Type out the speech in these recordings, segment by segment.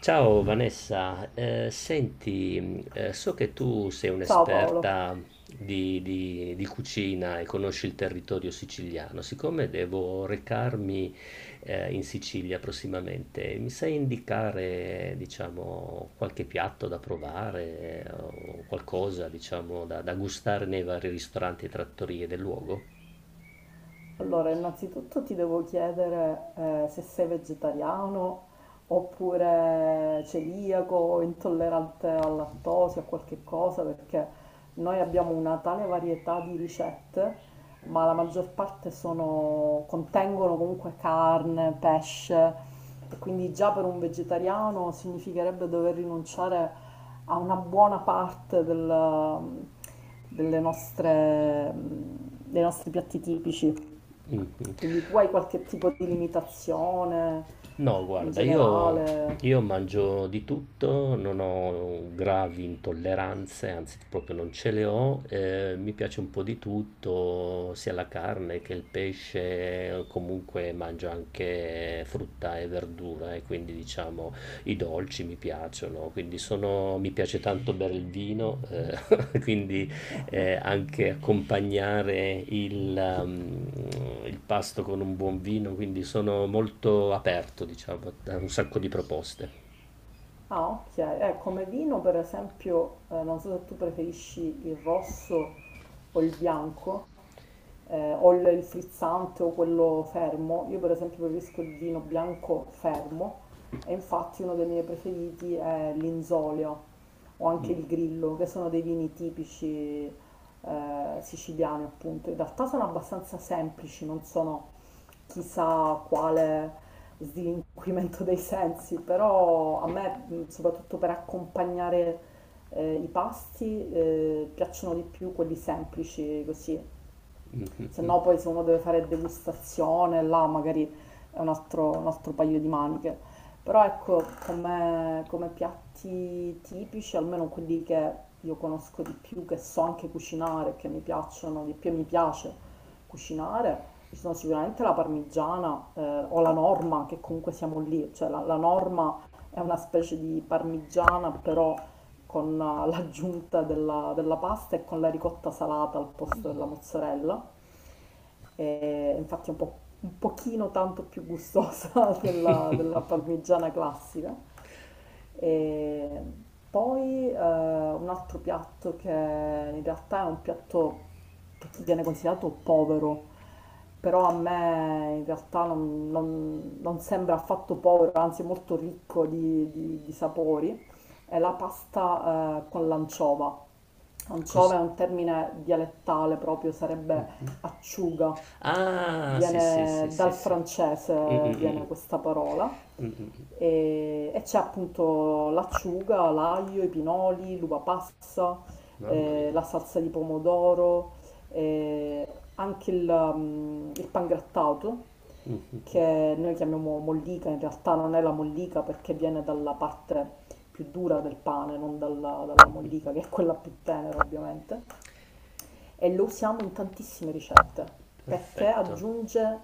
Ciao Vanessa, senti, so che tu sei Ciao Paolo. un'esperta di cucina e conosci il territorio siciliano. Siccome devo recarmi in Sicilia prossimamente, mi sai indicare, diciamo, qualche piatto da provare o qualcosa, diciamo, da gustare nei vari ristoranti e trattorie del luogo? Allora, innanzitutto ti devo chiedere se sei vegetariano oppure celiaco o intollerante al lattosio o qualche cosa, perché noi abbiamo una tale varietà di ricette, ma la maggior parte contengono comunque carne, pesce, e quindi già per un vegetariano significherebbe dover rinunciare a una buona parte dei nostri piatti tipici. Mhm. Quindi tu hai qualche tipo di limitazione No, in guarda, io, generale? io mangio di tutto, non ho gravi intolleranze, anzi proprio non ce le ho, mi piace un po' di tutto, sia la carne che il pesce, comunque mangio anche frutta e verdura e quindi diciamo i dolci mi piacciono, quindi sono, mi piace tanto bere il vino, quindi anche accompagnare il pasto con un buon vino, quindi sono molto aperto, diciamo, a un sacco di proposte. Ah, ok. Come vino, per esempio, non so se tu preferisci il rosso o il bianco, o il frizzante o quello fermo. Io, per esempio, preferisco il vino bianco fermo e infatti uno dei miei preferiti è l'inzolio o anche Mm, il grillo, che sono dei vini tipici siciliani, appunto. In realtà sono abbastanza semplici, non sono chissà quale slinquimento dei sensi, però a me, soprattutto per accompagnare i pasti, piacciono di più quelli semplici, così, se mhm. no poi se uno deve fare degustazione, là magari è un altro paio di maniche. Però ecco, come piatti tipici, almeno quelli che io conosco di più, che so anche cucinare, che mi piacciono di più e mi piace cucinare, ci sono sicuramente la parmigiana o la norma, che comunque siamo lì, cioè la norma è una specie di parmigiana, però con l'aggiunta della pasta e con la ricotta salata al posto della Mm. mozzarella. E infatti è un po', un pochino tanto più gustosa della parmigiana classica. E poi un altro piatto che in realtà è un piatto che viene considerato povero, però a me in realtà non sembra affatto povero, anzi è molto ricco di sapori, è la pasta con l'anciova. Cos- Anciova è un termine dialettale proprio, sarebbe mhm. acciuga. Ah, sì, sì, sì, Viene sì, dal sì. Mm, francese, mm, mm, viene mm. questa parola Mm, mm, mm. e c'è appunto l'acciuga, l'aglio, i pinoli, l'uva passa, Mamma mia. la salsa di pomodoro, eh, anche il pangrattato Mm. che noi chiamiamo mollica, in realtà non è la mollica perché viene dalla parte più dura del pane, non dalla mollica che è quella più tenera ovviamente e lo usiamo in tantissime ricette perché Perfetto. aggiunge,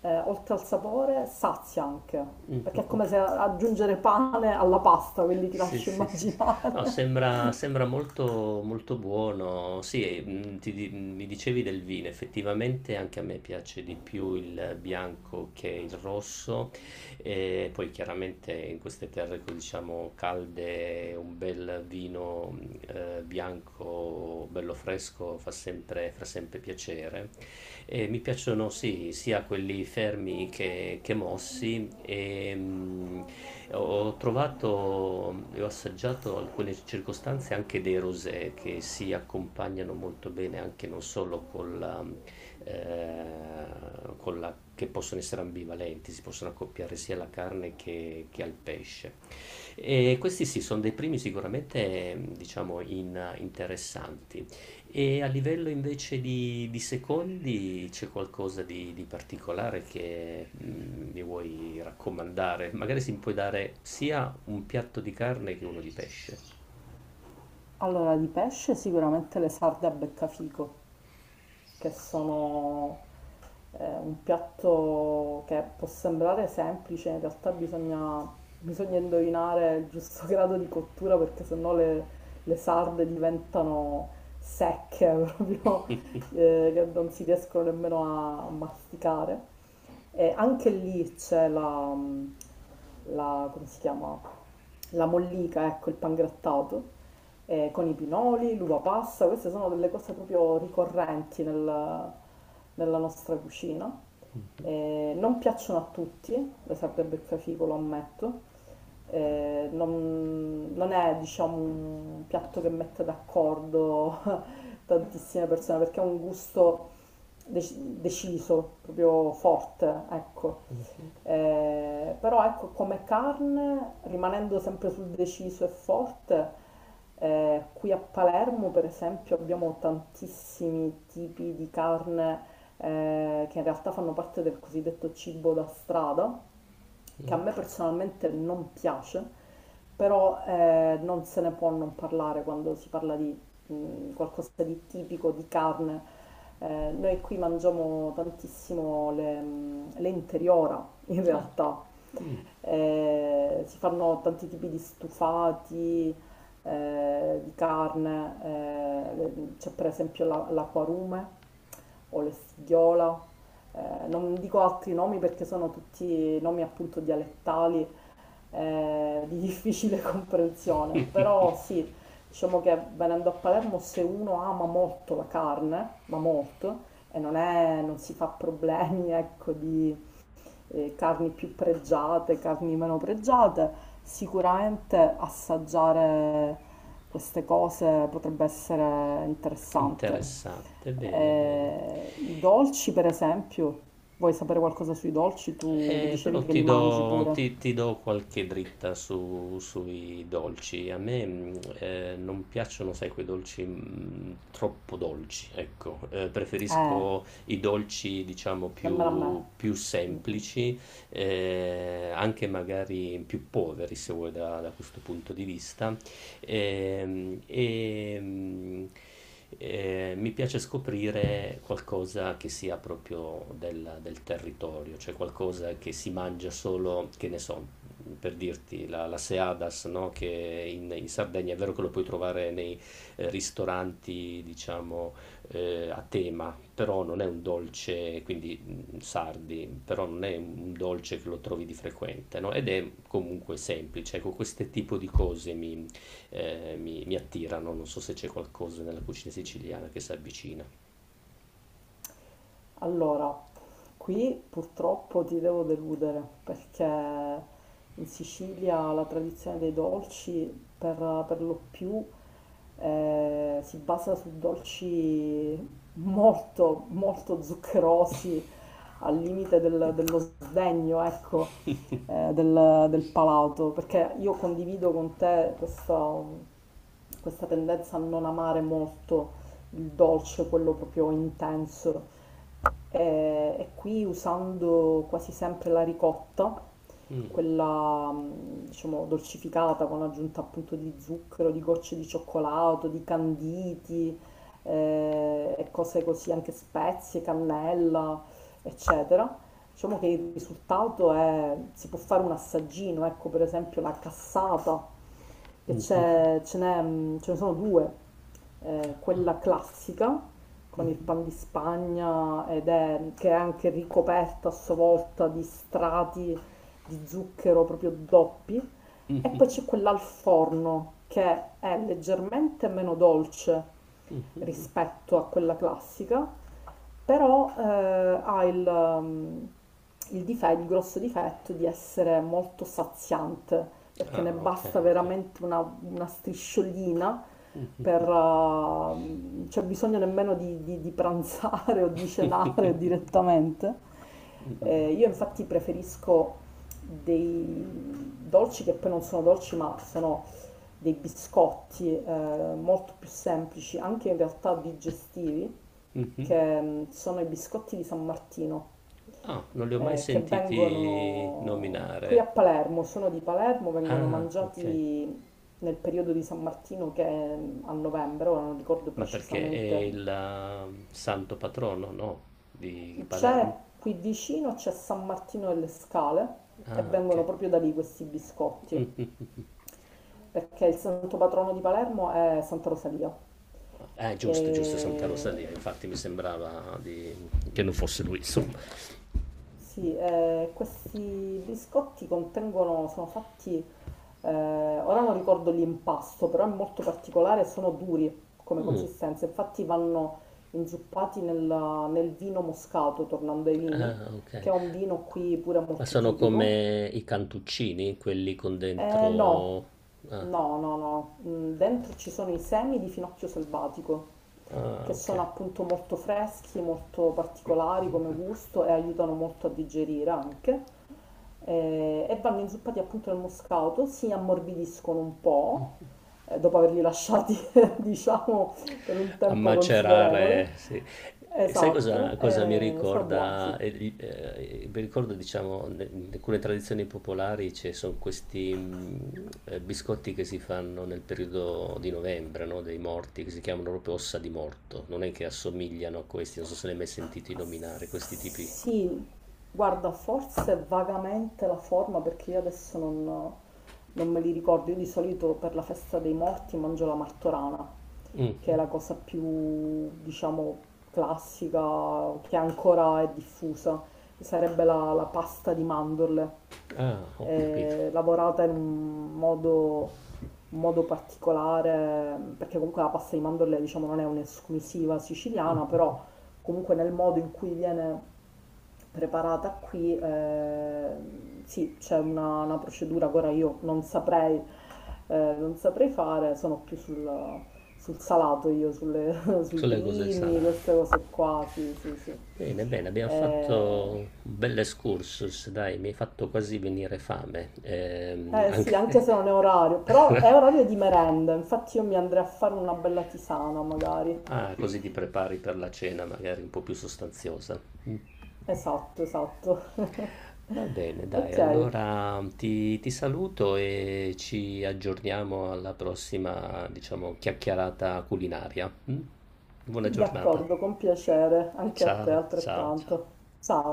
oltre al sapore, sazia anche, Mm. perché è come se aggiungere pane alla pasta, quindi ti Sì, lascio sì, sì, sì. immaginare. No, sembra molto, molto buono. Sì, e, mi dicevi del vino, effettivamente anche a me piace di più il bianco che il rosso. E poi chiaramente in queste terre, diciamo, calde, un bel vino bianco, bello fresco, fa sempre piacere. Mi piacciono sì, sia quelli fermi che mossi. E, ho trovato e ho assaggiato alcune circostanze anche dei rosé che si accompagnano molto bene anche non solo che possono essere ambivalenti, si possono accoppiare sia alla carne che al pesce. E questi sì, sono dei primi sicuramente, diciamo, interessanti. E a livello invece di secondi c'è qualcosa di particolare che mi vuoi raccomandare? Magari si puoi dare sia un piatto di carne che uno di pesce. Allora, di pesce sicuramente le sarde a beccafico, che sono un piatto che può sembrare semplice, in realtà bisogna indovinare il giusto grado di cottura perché sennò le sarde diventano secche proprio, che non si riescono nemmeno a masticare. E anche lì c'è la, come si chiama? La mollica, ecco, il pangrattato, con i pinoli, l'uva passa, queste sono delle cose proprio ricorrenti nella nostra cucina. Non piacciono a tutti, le serve il beccafico, lo ammetto, non è diciamo un piatto che mette d'accordo tantissime persone perché ha un gusto deciso, proprio forte, ecco. Però ecco, come carne, rimanendo sempre sul deciso e forte, qui a Palermo, per esempio, abbiamo tantissimi tipi di carne che in realtà fanno parte del cosiddetto cibo da strada, che a Mm. me personalmente non piace, però non se ne può non parlare quando si parla di qualcosa di tipico, di carne. Noi qui mangiamo tantissimo le interiora, in Ah, realtà, mm, si fanno tanti tipi di stufati di carne, c'è per esempio l'acquarume o l'estigliola, non dico altri nomi perché sono tutti nomi appunto dialettali di difficile comprensione, però sì, diciamo che venendo a Palermo se uno ama molto la carne, ma molto, e non si fa problemi, ecco, di carni più pregiate, carni meno pregiate, sicuramente assaggiare queste cose potrebbe essere interessante. interessante, bene, bene. I dolci, per esempio, vuoi sapere qualcosa sui dolci? Tu dicevi Però che ti li mangi do, pure. ti- ti do qualche dritta sui dolci. A me non piacciono, sai, quei dolci troppo dolci, ecco. Eh, Preferisco i dolci, diciamo, Dammela a me. più semplici, anche magari più poveri, se vuoi, da questo punto di vista. Ehm, e, Mi piace scoprire qualcosa che sia proprio del territorio, cioè qualcosa che si mangia solo, che ne so, per dirti, la seadas, no? Che in Sardegna è vero che lo puoi trovare nei ristoranti, diciamo, a tema, però non è un dolce, quindi sardi, però non è un dolce che lo trovi di frequente, no? Ed è comunque semplice, ecco, questo tipo di cose mi attirano. Non so se c'è qualcosa nella cucina siciliana che si avvicina. Allora, qui purtroppo ti devo deludere perché in Sicilia la tradizione dei dolci per, lo più si basa su dolci molto, molto zuccherosi, al limite dello sdegno, ecco, del palato, perché io condivido con te questa tendenza a non amare molto il dolce, quello proprio intenso e qui usando quasi sempre la ricotta quella diciamo dolcificata con aggiunta appunto di zucchero, di gocce di cioccolato, di canditi e cose così, anche spezie, cannella, eccetera. Diciamo che il risultato è, si può fare un assaggino, ecco per esempio la cassata, che Mhm. c'è, ce ne sono due, Ah, quella classica con il pan di Spagna ed è, che è anche ricoperta a sua volta di strati di zucchero proprio doppi e poi c'è quella al forno che è leggermente meno dolce rispetto a quella classica, però ha il grosso difetto di essere molto saziante, perché ne ah, ok, basta ok. veramente una strisciolina per, c'è bisogno nemmeno di pranzare o di cenare direttamente. Io infatti preferisco dei dolci che poi non sono dolci, ma sono dei biscotti molto più semplici, anche in realtà digestivi, Mhm. che sono i biscotti di San Martino, Ah, non li ho mai che sentiti vengono qui nominare. a Palermo, sono di Palermo, vengono Ah, ok. mangiati nel periodo di San Martino che è a novembre, ora non ricordo Ma perché è il precisamente. Santo patrono, no? Di C'è Palermo? qui vicino, c'è San Martino delle Scale e Ah, ok. vengono proprio da lì questi biscotti, Mhm. perché il santo patrono di Palermo è Santa Rosalia. Ah, E giusto, giusto, Santa Rosalia. Infatti mi sembrava che non fosse lui, insomma. sì, questi biscotti contengono, sono fatti, eh, ora non ricordo l'impasto, però è molto particolare e sono duri come Mm. consistenza, infatti vanno inzuppati nel, vino moscato, tornando ai vini, Ah, ok. che è un vino qui pure Ma molto sono tipico. come i cantuccini, quelli con No, dentro. Ah, no, no, no. Dentro ci sono i semi di finocchio selvatico, ah, che ok. sono appunto molto freschi, molto particolari come gusto e aiutano molto a digerire anche. E vanno inzuppati appunto nel moscato, si ammorbidiscono un po', dopo averli lasciati, diciamo, per un A tempo macerare, considerevole. sì. E sai cosa, Esatto, cosa mi sono buoni, ricorda? sì. Mi ricordo, diciamo, in alcune tradizioni popolari ci sono questi biscotti che si fanno nel periodo di novembre, no? Dei morti, che si chiamano proprio ossa di morto. Non è che assomigliano a questi, non so se ne hai mai sentito nominare, questi tipi. Sì, guarda, forse vagamente la forma perché io adesso non, me li ricordo. Io di solito per la festa dei morti mangio la martorana, Mm, che è mm. la cosa più, diciamo, classica, che ancora è diffusa. Sarebbe la pasta di mandorle, Ah, ho capito. Lavorata in un modo, particolare, perché comunque la pasta di mandorle, diciamo, non è un'esclusiva siciliana, però comunque nel modo in cui viene preparata qui, sì, c'è una, procedura che ora io non saprei, non saprei fare, sono più sul salato io, sui Sulle cose primi, salate. queste cose qua, sì, sì, sì. Bene, bene, abbiamo Eh, fatto un bel excursus, dai, mi hai fatto quasi venire fame. Sì, Anche. anche se non è orario, però è orario di merenda, infatti io mi andrei a fare una bella tisana magari. Ah, così ti prepari per la cena magari un po' più sostanziosa. Esatto, esatto. Va bene, dai, Ok, allora ti saluto e ci aggiorniamo alla prossima, diciamo, chiacchierata culinaria. Mm? Buona giornata. d'accordo, con piacere, anche a te Ciao, ciao, altrettanto. ciao. Ciao.